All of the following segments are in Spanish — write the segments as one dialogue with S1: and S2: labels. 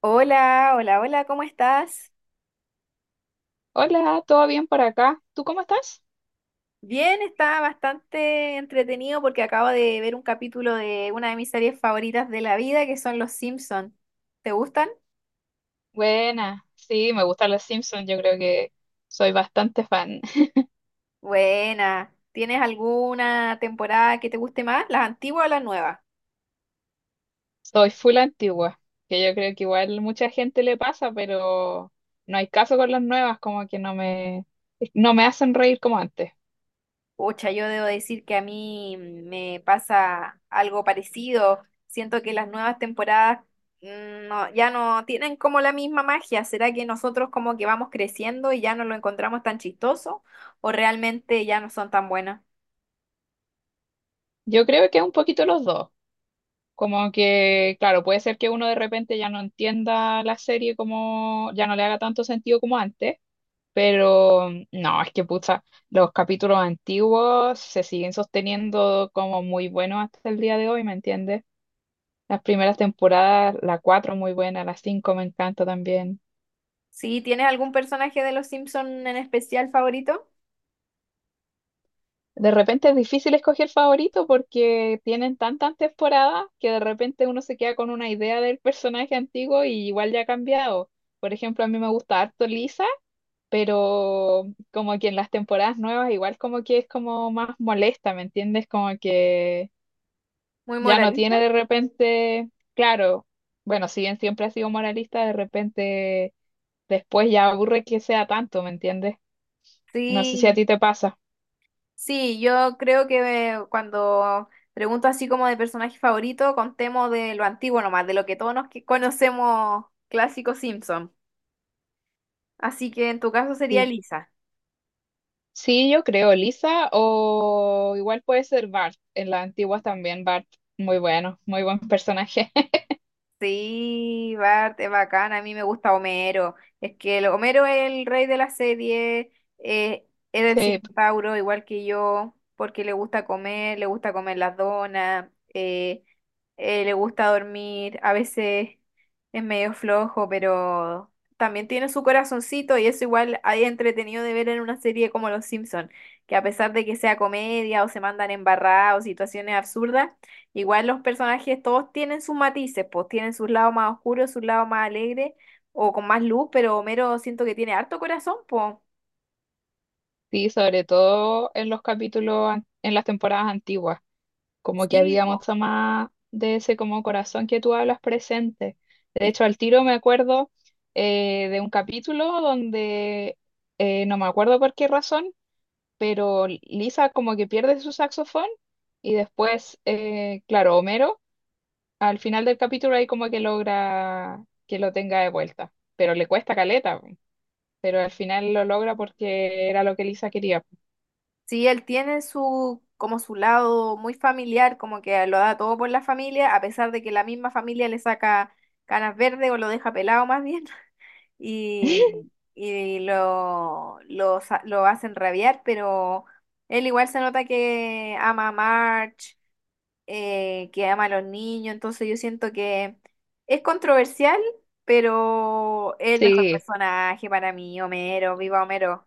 S1: Hola, hola, hola, ¿cómo estás?
S2: Hola, ¿todo bien por acá? ¿Tú cómo estás?
S1: Bien, está bastante entretenido porque acabo de ver un capítulo de una de mis series favoritas de la vida, que son Los Simpson. ¿Te gustan?
S2: Buena, sí, me gustan los Simpsons, yo creo que soy bastante fan.
S1: Buena. ¿Tienes alguna temporada que te guste más? ¿Las antiguas o las nuevas?
S2: Soy full antigua, que yo creo que igual mucha gente le pasa, pero no hay caso con las nuevas, como que no me hacen reír como antes.
S1: Pucha, yo debo decir que a mí me pasa algo parecido. Siento que las nuevas temporadas no, ya no tienen como la misma magia. ¿Será que nosotros como que vamos creciendo y ya no lo encontramos tan chistoso o realmente ya no son tan buenas?
S2: Yo creo que es un poquito los dos, como que, claro, puede ser que uno de repente ya no entienda la serie como, ya no le haga tanto sentido como antes. Pero no, es que pucha, los capítulos antiguos se siguen sosteniendo como muy buenos hasta el día de hoy, ¿me entiendes? Las primeras temporadas, la 4 muy buena, la 5 me encanta también.
S1: Sí, ¿tienes algún personaje de los Simpson en especial favorito?
S2: De repente es difícil escoger favorito porque tienen tantas temporadas que de repente uno se queda con una idea del personaje antiguo y igual ya ha cambiado. Por ejemplo, a mí me gusta harto Lisa, pero como que en las temporadas nuevas igual como que es como más molesta, ¿me entiendes? Como que
S1: Muy
S2: ya no
S1: moralista.
S2: tiene de repente, claro, bueno, si bien siempre ha sido moralista, de repente después ya aburre que sea tanto, ¿me entiendes? No sé si a
S1: Sí.
S2: ti te pasa.
S1: Sí, yo creo que cuando pregunto así como de personaje favorito, contemos de lo antiguo nomás, de lo que todos conocemos, clásico Simpson. Así que en tu caso sería
S2: Sí,
S1: Lisa.
S2: sí, yo creo, Lisa, o igual puede ser Bart, en las antiguas también Bart, muy bueno, muy buen personaje.
S1: Sí, Bart es bacán, a mí me gusta Homero. Es que Homero es el rey de la serie, eh, es el
S2: Sí,
S1: centauro, igual que yo, porque le gusta comer las donas, le gusta dormir, a veces es medio flojo, pero también tiene su corazoncito y eso igual hay entretenido de ver en una serie como Los Simpson, que a pesar de que sea comedia o se mandan embarrados, situaciones absurdas, igual los personajes todos tienen sus matices, pues tienen sus lados más oscuros, sus lados más alegres o con más luz, pero Homero siento que tiene harto corazón, pues.
S2: sí, sobre todo en los capítulos, en las temporadas antiguas, como que
S1: Sí,
S2: había
S1: pues.
S2: mucho más de ese como corazón que tú hablas presente. De
S1: Y
S2: hecho, al tiro me acuerdo de un capítulo donde no me acuerdo por qué razón, pero Lisa como que pierde su saxofón y después, claro, Homero al final del capítulo ahí como que logra que lo tenga de vuelta, pero le cuesta caleta, po. Pero al final lo logra porque era lo que Lisa quería.
S1: sí, él tiene su como su lado muy familiar, como que lo da todo por la familia, a pesar de que la misma familia le saca canas verdes o lo deja pelado más bien y, lo hacen rabiar, pero él igual se nota que ama a Marge, que ama a los niños, entonces yo siento que es controversial, pero es el mejor
S2: Sí.
S1: personaje para mí, Homero, viva Homero.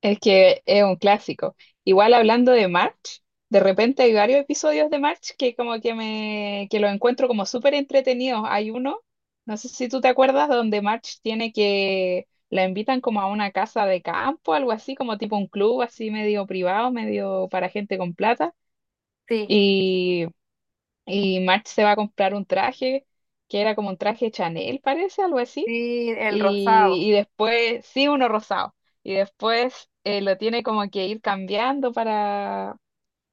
S2: Es que es un clásico. Igual hablando de March, de repente hay varios episodios de March que como que lo encuentro como súper entretenidos. Hay uno, no sé si tú te acuerdas, donde March tiene que la invitan como a una casa de campo, algo así, como tipo un club así medio privado, medio para gente con plata.
S1: Sí,
S2: Y, y March se va a comprar un traje que era como un traje Chanel, parece, algo así,
S1: sí, el
S2: y
S1: rosado.
S2: después, sí, uno rosado. Y después lo tiene como que ir cambiando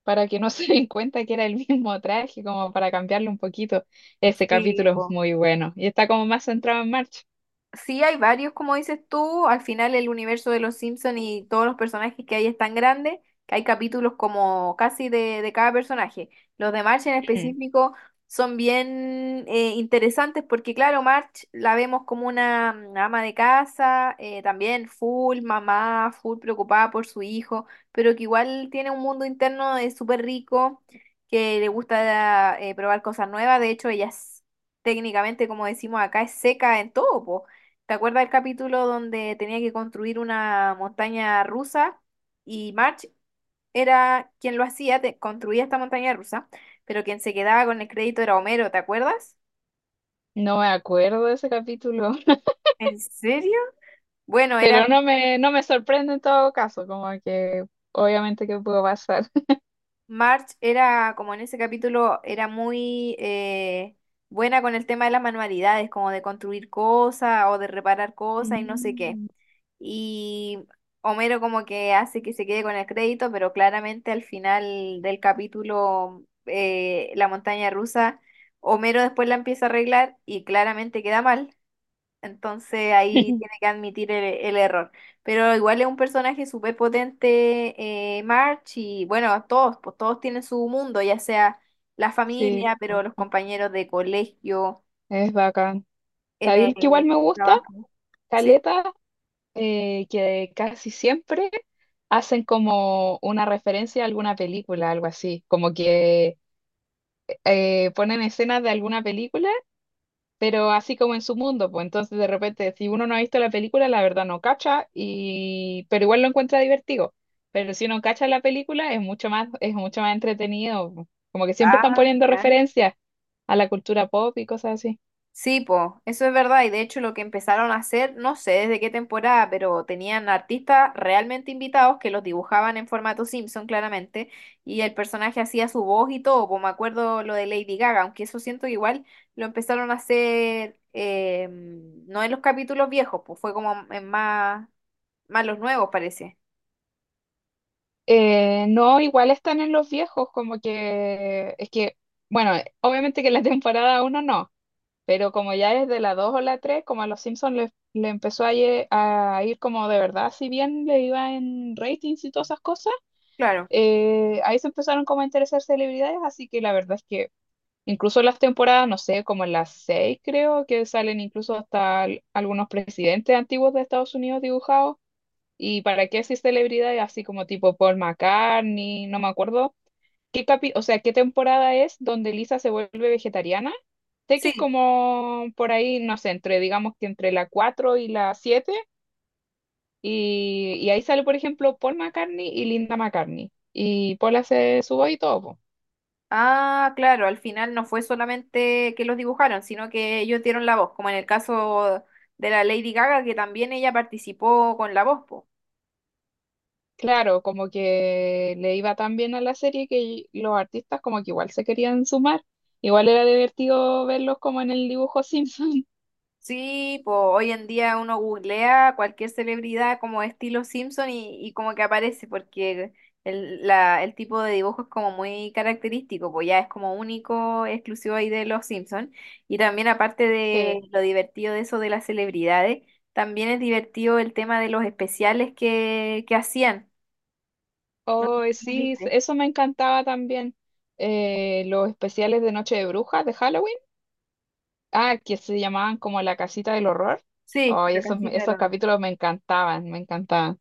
S2: para que no se den cuenta que era el mismo traje, como para cambiarlo un poquito. Ese
S1: Sí,
S2: capítulo es
S1: po.
S2: muy bueno. Y está como más centrado en March.
S1: Sí, hay varios, como dices tú. Al final el universo de los Simpsons y todos los personajes que hay es tan grande que hay capítulos como casi de cada personaje. Los de Marge en
S2: Mm.
S1: específico son bien interesantes porque, claro, Marge la vemos como una ama de casa, también full mamá, full preocupada por su hijo, pero que igual tiene un mundo interno súper rico, que le gusta probar cosas nuevas. De hecho, ella es técnicamente, como decimos acá, es seca en todo, po. ¿Te acuerdas del capítulo donde tenía que construir una montaña rusa y March era quien lo hacía, construía esta montaña rusa, pero quien se quedaba con el crédito era Homero, te acuerdas?
S2: No me acuerdo de ese capítulo,
S1: ¿En serio? Bueno, era,
S2: pero no me sorprende en todo caso, como que obviamente que pudo pasar.
S1: March era como en ese capítulo era muy buena con el tema de las manualidades, como de construir cosas o de reparar cosas y no sé qué.
S2: Mm.
S1: Y Homero como que hace que se quede con el crédito, pero claramente al final del capítulo, la montaña rusa, Homero después la empieza a arreglar y claramente queda mal. Entonces ahí tiene que admitir el error. Pero igual es un personaje súper potente, March, y bueno, todos, pues todos tienen su mundo, ya sea la
S2: Sí,
S1: familia, pero
S2: po,
S1: los compañeros de colegio,
S2: es bacán.
S1: en
S2: ¿Sabéis que igual
S1: el
S2: me gusta?
S1: trabajo. ¿Sí?
S2: Caleta que casi siempre hacen como una referencia a alguna película, algo así, como que ponen escenas de alguna película, pero así como en su mundo, pues entonces de repente si uno no ha visto la película, la verdad no cacha, y pero igual lo encuentra divertido, pero si uno cacha la película es mucho más entretenido, como que siempre están
S1: Ah,
S2: poniendo
S1: mira.
S2: referencias a la cultura pop y cosas así.
S1: Sí, po, eso es verdad. Y de hecho lo que empezaron a hacer, no sé desde qué temporada, pero tenían artistas realmente invitados que los dibujaban en formato Simpson, claramente, y el personaje hacía su voz y todo, po, me acuerdo lo de Lady Gaga, aunque eso siento que igual lo empezaron a hacer no en los capítulos viejos, pues fue como en más, más los nuevos, parece.
S2: No, igual están en los viejos, como que es que, bueno, obviamente que en la temporada uno no, pero como ya es de la 2 o la 3 como a los Simpsons le empezó a ir como de verdad, si bien le iba en ratings y todas esas cosas,
S1: Claro.
S2: ahí se empezaron como a interesar celebridades, así que la verdad es que incluso las temporadas, no sé, como en las 6 creo, que salen incluso hasta algunos presidentes antiguos de Estados Unidos dibujados. ¿Y para qué así celebridades así como tipo Paul McCartney? No me acuerdo. ¿Qué o sea, qué temporada es donde Lisa se vuelve vegetariana? Sé que es
S1: Sí.
S2: como por ahí, no sé, entre, digamos que entre la 4 y la siete. Y ahí sale, por ejemplo, Paul McCartney y Linda McCartney. Y Paul hace su voz y todo, po.
S1: Ah, claro, al final no fue solamente que los dibujaron, sino que ellos dieron la voz, como en el caso de la Lady Gaga, que también ella participó con la voz, po.
S2: Claro, como que le iba tan bien a la serie que los artistas como que igual se querían sumar. Igual era divertido verlos como en el dibujo Simpson.
S1: Sí, pues hoy en día uno googlea cualquier celebridad como estilo Simpson y como que aparece, porque el tipo de dibujo es como muy característico, pues ya es como único, exclusivo ahí de los Simpson. Y también aparte
S2: Sí.
S1: de lo divertido de eso de las celebridades. También es divertido el tema de los especiales que hacían. No sé
S2: Oh,
S1: si lo
S2: sí,
S1: viste.
S2: eso me encantaba también. Los especiales de Noche de Brujas de Halloween. Ah, que se llamaban como La Casita del Horror.
S1: Sí,
S2: Oh,
S1: la
S2: esos,
S1: casita del
S2: esos
S1: horror.
S2: capítulos me encantaban, me encantaban.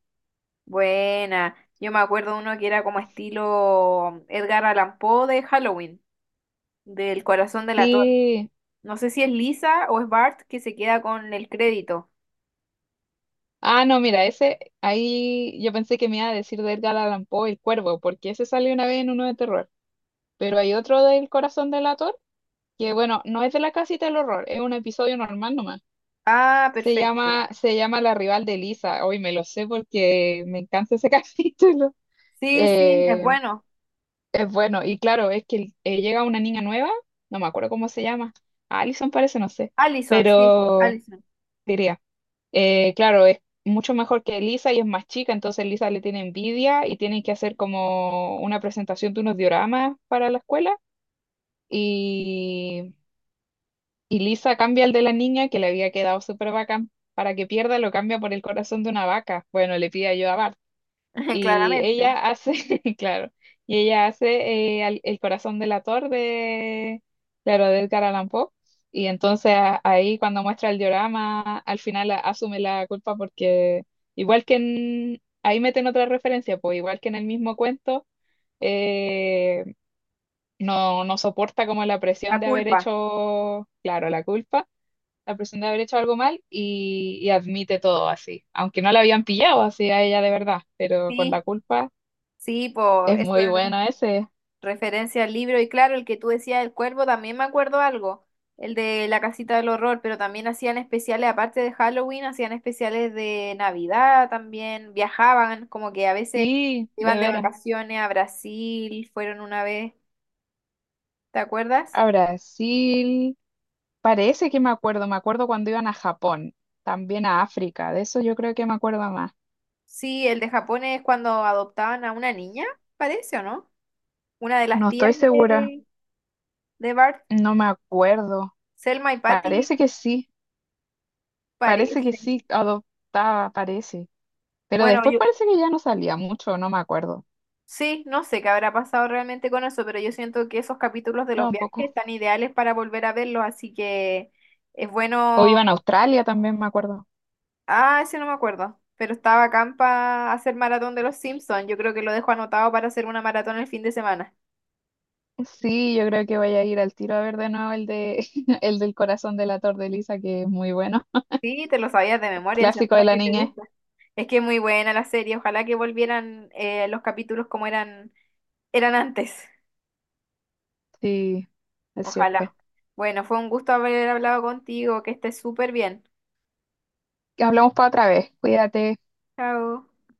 S1: Buena. Yo me acuerdo uno que era como estilo Edgar Allan Poe de Halloween, del corazón del ator.
S2: Sí.
S1: No sé si es Lisa o es Bart que se queda con el crédito.
S2: Ah, no, mira, ese, ahí yo pensé que me iba a decir de Edgar Allan Poe, El Cuervo, porque ese salió una vez en uno de terror. Pero hay otro del Corazón del Ator, que bueno, no es de La Casita del Horror, es un episodio normal nomás.
S1: Ah,
S2: Se
S1: perfecto, ya.
S2: llama, se llama La Rival de Lisa. Hoy me lo sé porque me encanta ese capítulo.
S1: Sí, sí, es
S2: Eh,
S1: bueno.
S2: es bueno, y claro, es que llega una niña nueva, no me acuerdo cómo se llama, Alison parece, no sé,
S1: Allison, sí,
S2: pero
S1: Allison.
S2: diría, claro, es mucho mejor que Lisa y es más chica, entonces Lisa le tiene envidia y tienen que hacer como una presentación de unos dioramas para la escuela y, y Lisa cambia el de la niña que le había quedado súper bacán, para que pierda lo cambia por el corazón de una vaca, bueno, le pide ayuda a Bart. Y
S1: Claramente.
S2: ella hace, claro, y ella hace corazón del ator de, claro, de Edgar Allan Poe. Y entonces ahí cuando muestra el diorama, al final asume la culpa porque igual que en, ahí meten otra referencia, pues igual que en el mismo cuento, eh, no soporta como la presión
S1: La
S2: de haber
S1: culpa.
S2: hecho, claro, la culpa, la presión de haber hecho algo mal y admite todo así, aunque no la habían pillado así a ella de verdad, pero con la
S1: Sí,
S2: culpa.
S1: sí, po,
S2: Es
S1: eso.
S2: muy bueno ese.
S1: Referencia al libro, y claro, el que tú decías del cuervo, también me acuerdo algo, el de la casita del horror, pero también hacían especiales, aparte de Halloween, hacían especiales de Navidad también, viajaban, como que a veces
S2: Sí, de
S1: iban de
S2: veras.
S1: vacaciones a Brasil, fueron una vez, ¿te acuerdas?
S2: A Brasil. Parece que me acuerdo. Me acuerdo cuando iban a Japón. También a África. De eso yo creo que me acuerdo más.
S1: Sí, el de Japón es cuando adoptaban a una niña, parece, ¿o no? Una de las
S2: No
S1: tías
S2: estoy segura.
S1: de Bart,
S2: No me acuerdo.
S1: Selma y Patty,
S2: Parece que sí. Parece que
S1: parece.
S2: sí. Adoptaba, parece. Pero
S1: Bueno,
S2: después
S1: yo,
S2: parece que ya no salía mucho. No me acuerdo.
S1: sí, no sé qué habrá pasado realmente con eso, pero yo siento que esos capítulos de
S2: No,
S1: los
S2: un
S1: viajes
S2: poco.
S1: están ideales para volver a verlos, así que es
S2: O
S1: bueno.
S2: iban a Australia también, me acuerdo.
S1: Ah, ese no me acuerdo, pero estaba acá para hacer maratón de los Simpsons. Yo creo que lo dejo anotado para hacer una maratón el fin de semana.
S2: Sí, yo creo que voy a ir al tiro a ver de nuevo el de el del corazón de la torre de Lisa, que es muy bueno.
S1: Sí, te lo sabías de memoria, es
S2: Clásico
S1: verdad
S2: de la
S1: que te
S2: niñez.
S1: gusta. Es que es muy buena la serie, ojalá que volvieran los capítulos como eran, eran antes.
S2: Sí, es
S1: Ojalá.
S2: cierto.
S1: Bueno, fue un gusto haber hablado contigo, que estés súper bien.
S2: Hablamos para otra vez. Cuídate.
S1: Chao.